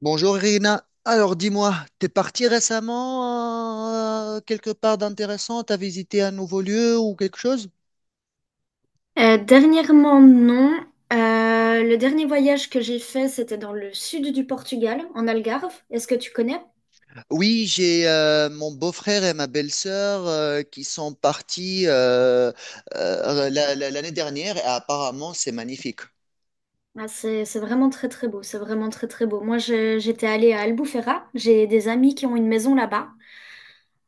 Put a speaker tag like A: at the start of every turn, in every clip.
A: Bonjour Irina. Alors dis-moi, t'es parti récemment quelque part d'intéressant? T'as visité un nouveau lieu ou quelque chose?
B: Dernièrement, non. Le dernier voyage que j'ai fait, c'était dans le sud du Portugal, en Algarve. Est-ce que tu connais?
A: Oui, j'ai mon beau-frère et ma belle-sœur qui sont partis l'année dernière et apparemment c'est magnifique.
B: Ah, c'est vraiment très très beau. C'est vraiment très très beau. Moi, j'étais allée à Albufeira. J'ai des amis qui ont une maison là-bas.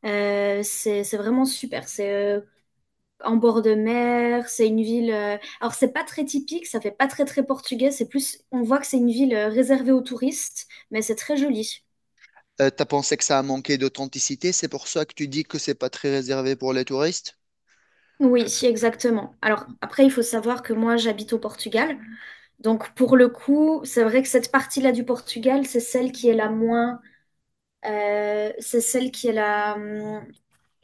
B: C'est vraiment super. C'est en bord de mer. C'est une ville. Alors, c'est pas très typique. Ça fait pas très très portugais. C'est plus. On voit que c'est une ville réservée aux touristes, mais c'est très joli.
A: T'as pensé que ça a manqué d'authenticité, c'est pour ça que tu dis que c'est pas très réservé pour les touristes?
B: Oui, si, exactement. Alors après, il faut savoir que moi, j'habite au Portugal. Donc pour le coup, c'est vrai que cette partie-là du Portugal, c'est celle qui est la moins, c'est celle qui est la,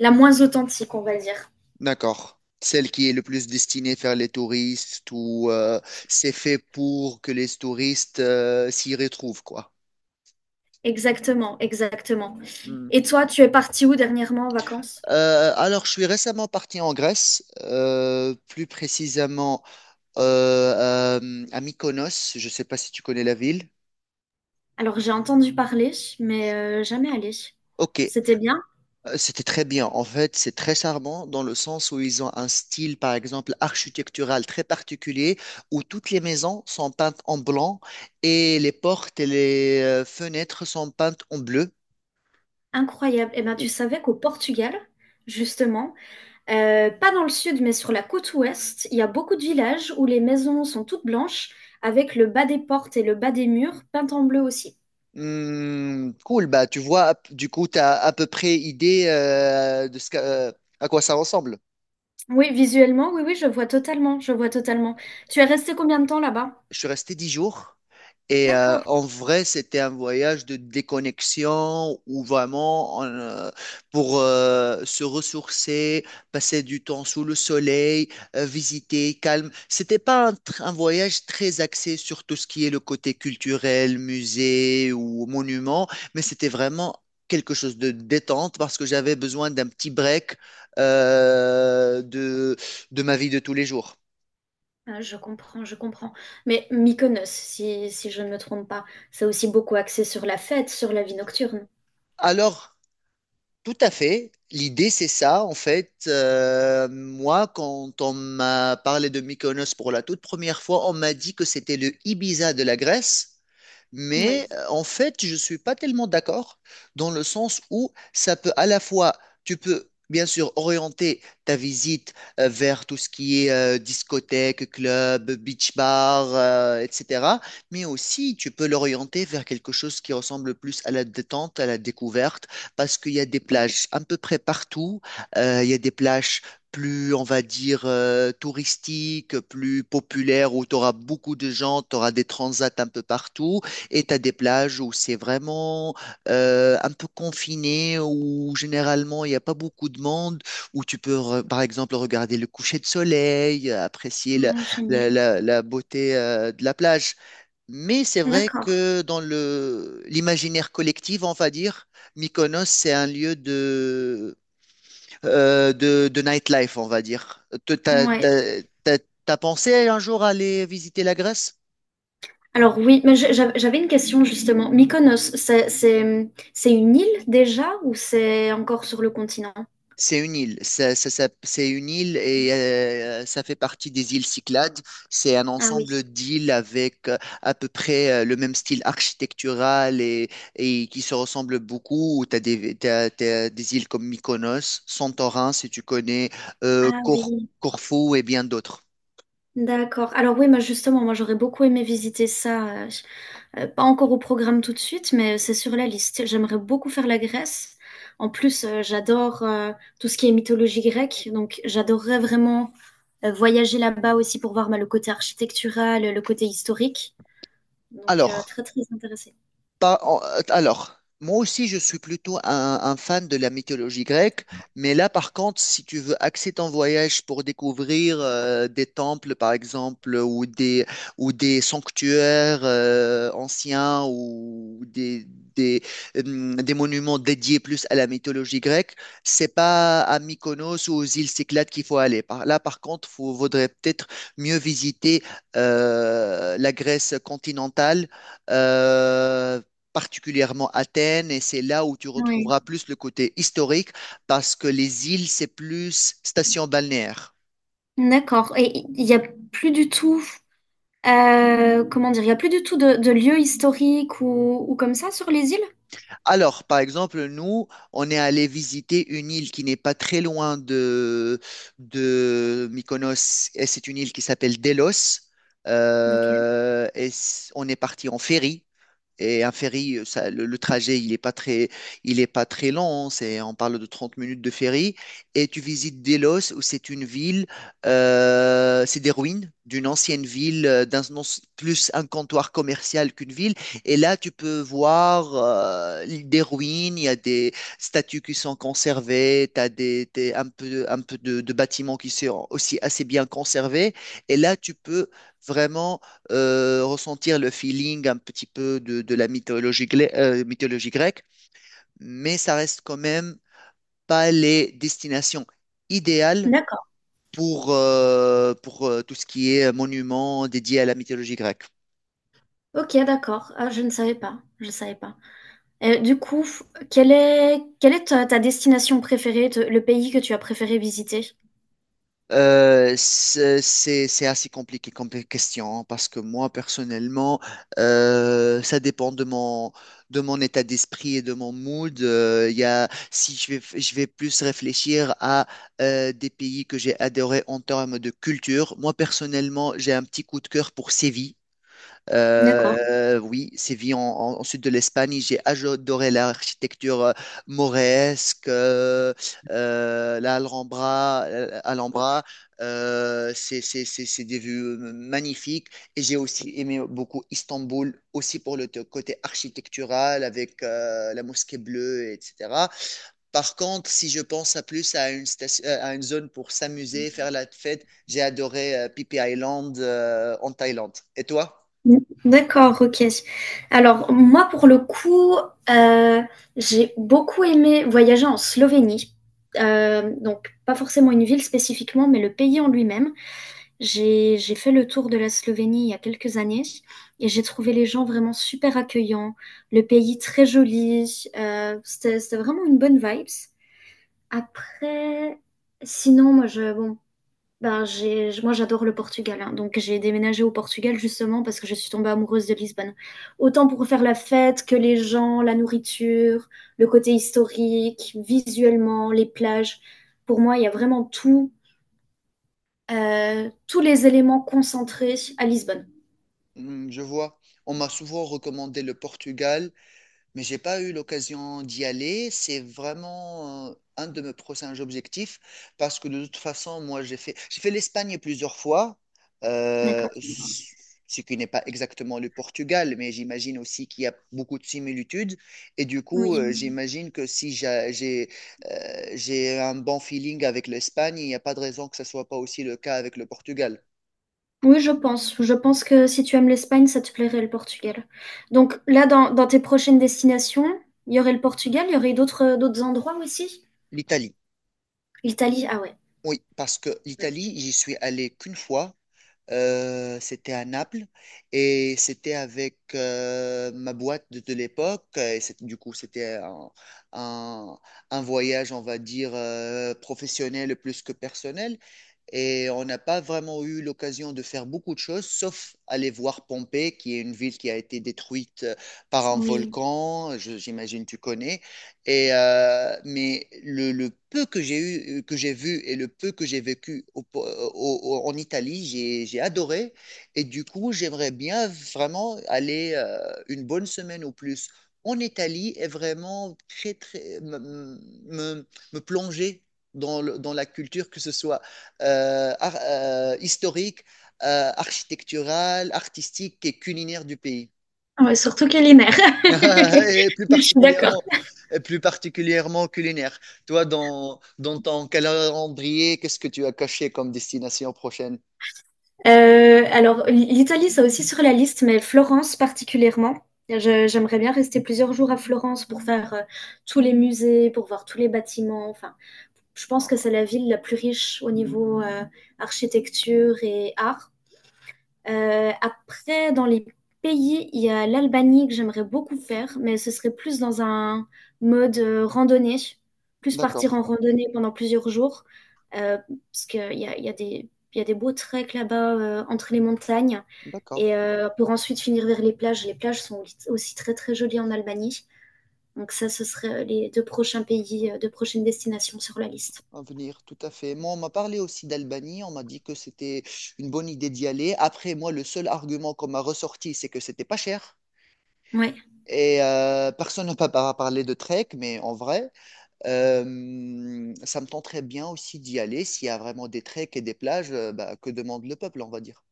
B: la moins authentique, on va dire.
A: D'accord. Celle qui est le plus destinée vers les touristes ou c'est fait pour que les touristes s'y retrouvent, quoi.
B: Exactement, exactement.
A: Hmm.
B: Et toi, tu es parti où dernièrement en vacances?
A: Alors, je suis récemment parti en Grèce, plus précisément à Mykonos. Je ne sais pas si tu connais la ville.
B: Alors j'ai entendu parler, mais jamais allé.
A: Ok.
B: C'était bien,
A: C'était très bien. En fait, c'est très charmant dans le sens où ils ont un style, par exemple, architectural très particulier, où toutes les maisons sont peintes en blanc et les portes et les fenêtres sont peintes en bleu.
B: incroyable. Et ben tu savais qu'au Portugal, justement, pas dans le sud, mais sur la côte ouest, il y a beaucoup de villages où les maisons sont toutes blanches, avec le bas des portes et le bas des murs peints en bleu aussi.
A: Hmm, cool, bah tu vois, du coup, tu as à peu près idée de ce à quoi ça ressemble.
B: Oui, visuellement, oui, oui, je vois totalement, je vois totalement. Tu es resté combien de temps là-bas?
A: Je suis resté 10 jours. Et
B: D'accord.
A: en vrai, c'était un voyage de déconnexion où vraiment on, pour se ressourcer, passer du temps sous le soleil, visiter, calme. C'était pas un, un voyage très axé sur tout ce qui est le côté culturel, musée ou monument, mais c'était vraiment quelque chose de détente parce que j'avais besoin d'un petit break euh, de, de ma vie de tous les jours.
B: Ah, je comprends, je comprends. Mais Mykonos, si, si je ne me trompe pas, c'est aussi beaucoup axé sur la fête, sur la vie nocturne.
A: Alors, tout à fait. L'idée, c'est ça. En fait, moi, quand on m'a parlé de Mykonos pour la toute première fois, on m'a dit que c'était le Ibiza de la Grèce.
B: Oui.
A: Mais en fait, je ne suis pas tellement d'accord dans le sens où ça peut à la fois, tu peux bien sûr orienter ta visite vers tout ce qui est discothèque, club, beach bar, etc. Mais aussi, tu peux l'orienter vers quelque chose qui ressemble plus à la détente, à la découverte, parce qu'il y a des plages à peu près partout. Il y a des plages plus, on va dire, touristiques, plus populaires, où tu auras beaucoup de gens, tu auras des transats un peu partout. Et t'as des plages où c'est vraiment un peu confiné, où généralement il n'y a pas beaucoup de monde, où tu peux par exemple regarder le coucher de soleil, apprécier la,
B: Ah, génial.
A: la beauté de la plage. Mais c'est vrai
B: D'accord.
A: que dans le l'imaginaire collectif, on va dire, Mykonos, c'est un lieu de, de nightlife, on va dire. Te- T'as,
B: Ouais.
A: t'as, t'as- t'as pensé un jour aller visiter la Grèce?
B: Alors oui, mais j'avais une question justement. Mykonos, c'est une île déjà ou c'est encore sur le continent?
A: C'est une île, c'est une île et ça fait partie des îles Cyclades. C'est un
B: Ah oui.
A: ensemble d'îles avec à peu près le même style architectural et qui se ressemblent beaucoup. Tu as des, t'as des îles comme Mykonos, Santorin, si tu connais, euh,
B: Ah
A: Cor-
B: oui.
A: Corfou et bien d'autres.
B: D'accord. Alors oui, moi justement, moi j'aurais beaucoup aimé visiter ça. Pas encore au programme tout de suite, mais c'est sur la liste. J'aimerais beaucoup faire la Grèce. En plus, j'adore tout ce qui est mythologie grecque, donc j'adorerais vraiment voyager là-bas aussi pour voir bah, le côté architectural, le côté historique. Donc
A: Alors,
B: très très intéressée.
A: Pas en- Alors, moi aussi, je suis plutôt un fan de la mythologie grecque, mais là, par contre, si tu veux axer ton voyage pour découvrir des temples, par exemple, ou des sanctuaires anciens, ou des, des monuments dédiés plus à la mythologie grecque, c'est pas à Mykonos ou aux îles Cyclades qu'il faut aller. Là, par contre, il vaudrait peut-être mieux visiter la Grèce continentale euh, particulièrement Athènes, et c'est là où tu
B: Oui.
A: retrouveras plus le côté historique, parce que les îles, c'est plus station balnéaire.
B: D'accord. Et il n'y a plus du tout, comment dire, il n'y a plus du tout de lieux historiques ou comme ça sur les îles?
A: Alors, par exemple, nous, on est allé visiter une île qui n'est pas très loin de, Mykonos, et c'est une île qui s'appelle Delos.
B: Ok.
A: On est parti en ferry. Et un ferry, ça, le trajet, il est pas très long, hein. C'est, on parle de 30 minutes de ferry. Et tu visites Delos, où c'est une ville, c'est des ruines d'une ancienne ville, d'un, non, c'est plus un comptoir commercial qu'une ville. Et là, tu peux voir des ruines, il y a des statues qui sont conservées, tu as des, un peu de bâtiments qui sont aussi assez bien conservés. Et là, tu peux vraiment ressentir le feeling un petit peu de la mythologie, mythologie grecque, mais ça reste quand même pas les destinations idéales
B: D'accord.
A: pour, tout ce qui est monument dédié à la mythologie grecque.
B: Ok, d'accord. Ah, je ne savais pas. Je savais pas. Du coup, quelle est ta destination préférée, te le pays que tu as préféré visiter?
A: C'est assez compliqué comme question parce que moi personnellement, ça dépend de mon état d'esprit et de mon mood. Il y a, si je vais plus réfléchir à des pays que j'ai adorés en termes de culture. Moi personnellement, j'ai un petit coup de cœur pour Séville.
B: D'accord.
A: Oui, Séville en, en sud de l'Espagne, j'ai adoré l'architecture mauresque, la Alhambra, Alhambra, c'est des vues magnifiques. Et j'ai aussi aimé beaucoup Istanbul, aussi pour le côté architectural, avec la mosquée bleue, etc. Par contre, si je pense à plus à une, à une zone pour s'amuser, faire la fête, j'ai adoré Phi Phi Island en Thaïlande. Et toi?
B: Mmh. D'accord, OK. Alors moi, pour le coup, heu, j'ai beaucoup aimé voyager en Slovénie. Donc pas forcément une ville spécifiquement, mais le pays en lui-même. J'ai fait le tour de la Slovénie il y a quelques années et j'ai trouvé les gens vraiment super accueillants, le pays très joli, c'était vraiment une bonne vibes. Après, sinon, moi, je, bon, ben, j'ai, moi, j'adore le Portugal, hein. Donc j'ai déménagé au Portugal justement parce que je suis tombée amoureuse de Lisbonne. Autant pour faire la fête que les gens, la nourriture, le côté historique, visuellement, les plages. Pour moi, il y a vraiment tout, tous les éléments concentrés à Lisbonne.
A: Hmm, je vois. On m'a souvent recommandé le Portugal, mais j'ai pas eu l'occasion d'y aller. C'est vraiment un de mes prochains objectifs parce que de toute façon, moi, j'ai fait l'Espagne plusieurs fois, euh,
B: D'accord.
A: ce qui n'est pas exactement le Portugal, mais j'imagine aussi qu'il y a beaucoup de similitudes. Et du coup,
B: Oui.
A: j'imagine que si j'ai un bon feeling avec l'Espagne, il n'y a pas de raison que ce soit pas aussi le cas avec le Portugal,
B: Oui, je pense. Je pense que si tu aimes l'Espagne, ça te plairait le Portugal. Donc là, dans tes prochaines destinations, il y aurait le Portugal, il y aurait d'autres endroits aussi?
A: l'Italie.
B: L'Italie, ah ouais.
A: Oui, parce que
B: Ouais.
A: l'Italie, j'y suis allé qu'une fois. C'était à Naples et c'était avec ma boîte de, l'époque. Du coup, c'était un, un- un voyage, on va dire, professionnel plus que personnel. Et on n'a pas vraiment eu l'occasion de faire beaucoup de choses, sauf aller voir Pompée, qui est une ville qui a été détruite par un
B: Oui.
A: volcan. J'imagine tu connais. Et, mais le peu que j'ai eu, que j'ai vu et le peu que j'ai vécu en Italie, j'ai adoré. Et du coup, j'aimerais bien vraiment aller une bonne semaine ou plus en Italie et vraiment très, très, me, me plonger dans la culture, que ce soit historique, architecturale, artistique et culinaire du pays.
B: Ah ouais, surtout culinaire.
A: Et plus
B: Je suis d'accord.
A: particulièrement, et plus particulièrement culinaire. Toi, dans ton calendrier, qu'est-ce que tu as caché comme destination prochaine?
B: Alors, l'Italie, c'est aussi sur la liste, mais Florence particulièrement. J'aimerais bien rester plusieurs jours à Florence pour faire tous les musées, pour voir tous les bâtiments. Enfin, je pense que
A: Ah,
B: c'est la ville la plus riche au niveau architecture et art. Après, dans les pays, il y a l'Albanie que j'aimerais beaucoup faire, mais ce serait plus dans un mode randonnée, plus partir en
A: d'accord,
B: randonnée pendant plusieurs jours, euh, parce qu'il y a, il y a des beaux treks là-bas entre les montagnes,
A: d'accord.
B: et pour ensuite finir vers les plages. Les plages sont aussi très très jolies en Albanie, donc ça, ce serait les deux prochains pays, deux prochaines destinations sur la liste.
A: À venir, tout à fait. Moi, on m'a parlé aussi d'Albanie. On m'a dit que c'était une bonne idée d'y aller. Après, moi, le seul argument qu'on m'a ressorti, c'est que c'était pas cher.
B: Ouais.
A: Et personne n'a pas par- parlé de trek, mais en vrai, ça me tenterait bien aussi d'y aller. S'il y a vraiment des treks et des plages, bah, que demande le peuple, on va dire.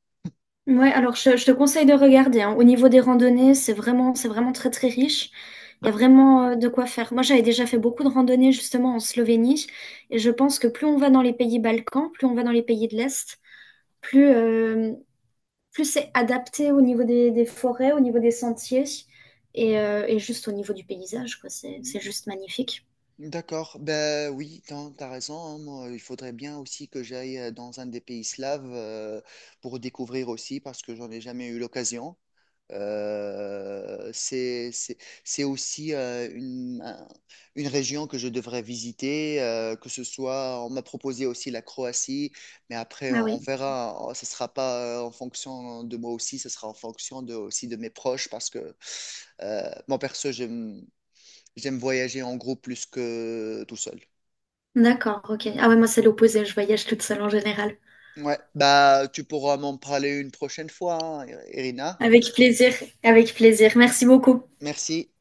B: Ouais, alors je te conseille de regarder. Hein. Au niveau des randonnées, c'est vraiment très très riche. Il y a vraiment de quoi faire. Moi, j'avais déjà fait beaucoup de randonnées justement en Slovénie, et je pense que plus on va dans les pays Balkans, plus on va dans les pays de l'Est, plus, plus c'est adapté au niveau des forêts, au niveau des sentiers, et juste au niveau du paysage, quoi. C'est juste magnifique.
A: D'accord, ben oui, t'as raison, hein. Moi, il faudrait bien aussi que j'aille dans un des pays slaves pour découvrir aussi, parce que j'en ai jamais eu l'occasion. Euh, c'est, c'est, c'est aussi une, une région que je devrais visiter, que ce soit, on m'a proposé aussi la Croatie, mais après
B: Ah
A: on
B: oui,
A: verra, hein. Ce sera pas en fonction de moi aussi, ce sera en fonction de, aussi de mes proches, parce que moi perso, j'aime voyager en groupe plus que tout seul.
B: d'accord, ok. Ah ouais, moi c'est l'opposé, je voyage toute seule en général.
A: Ouais, bah tu pourras m'en parler une prochaine fois, hein, Irina.
B: Avec plaisir, avec plaisir. Merci beaucoup.
A: Merci.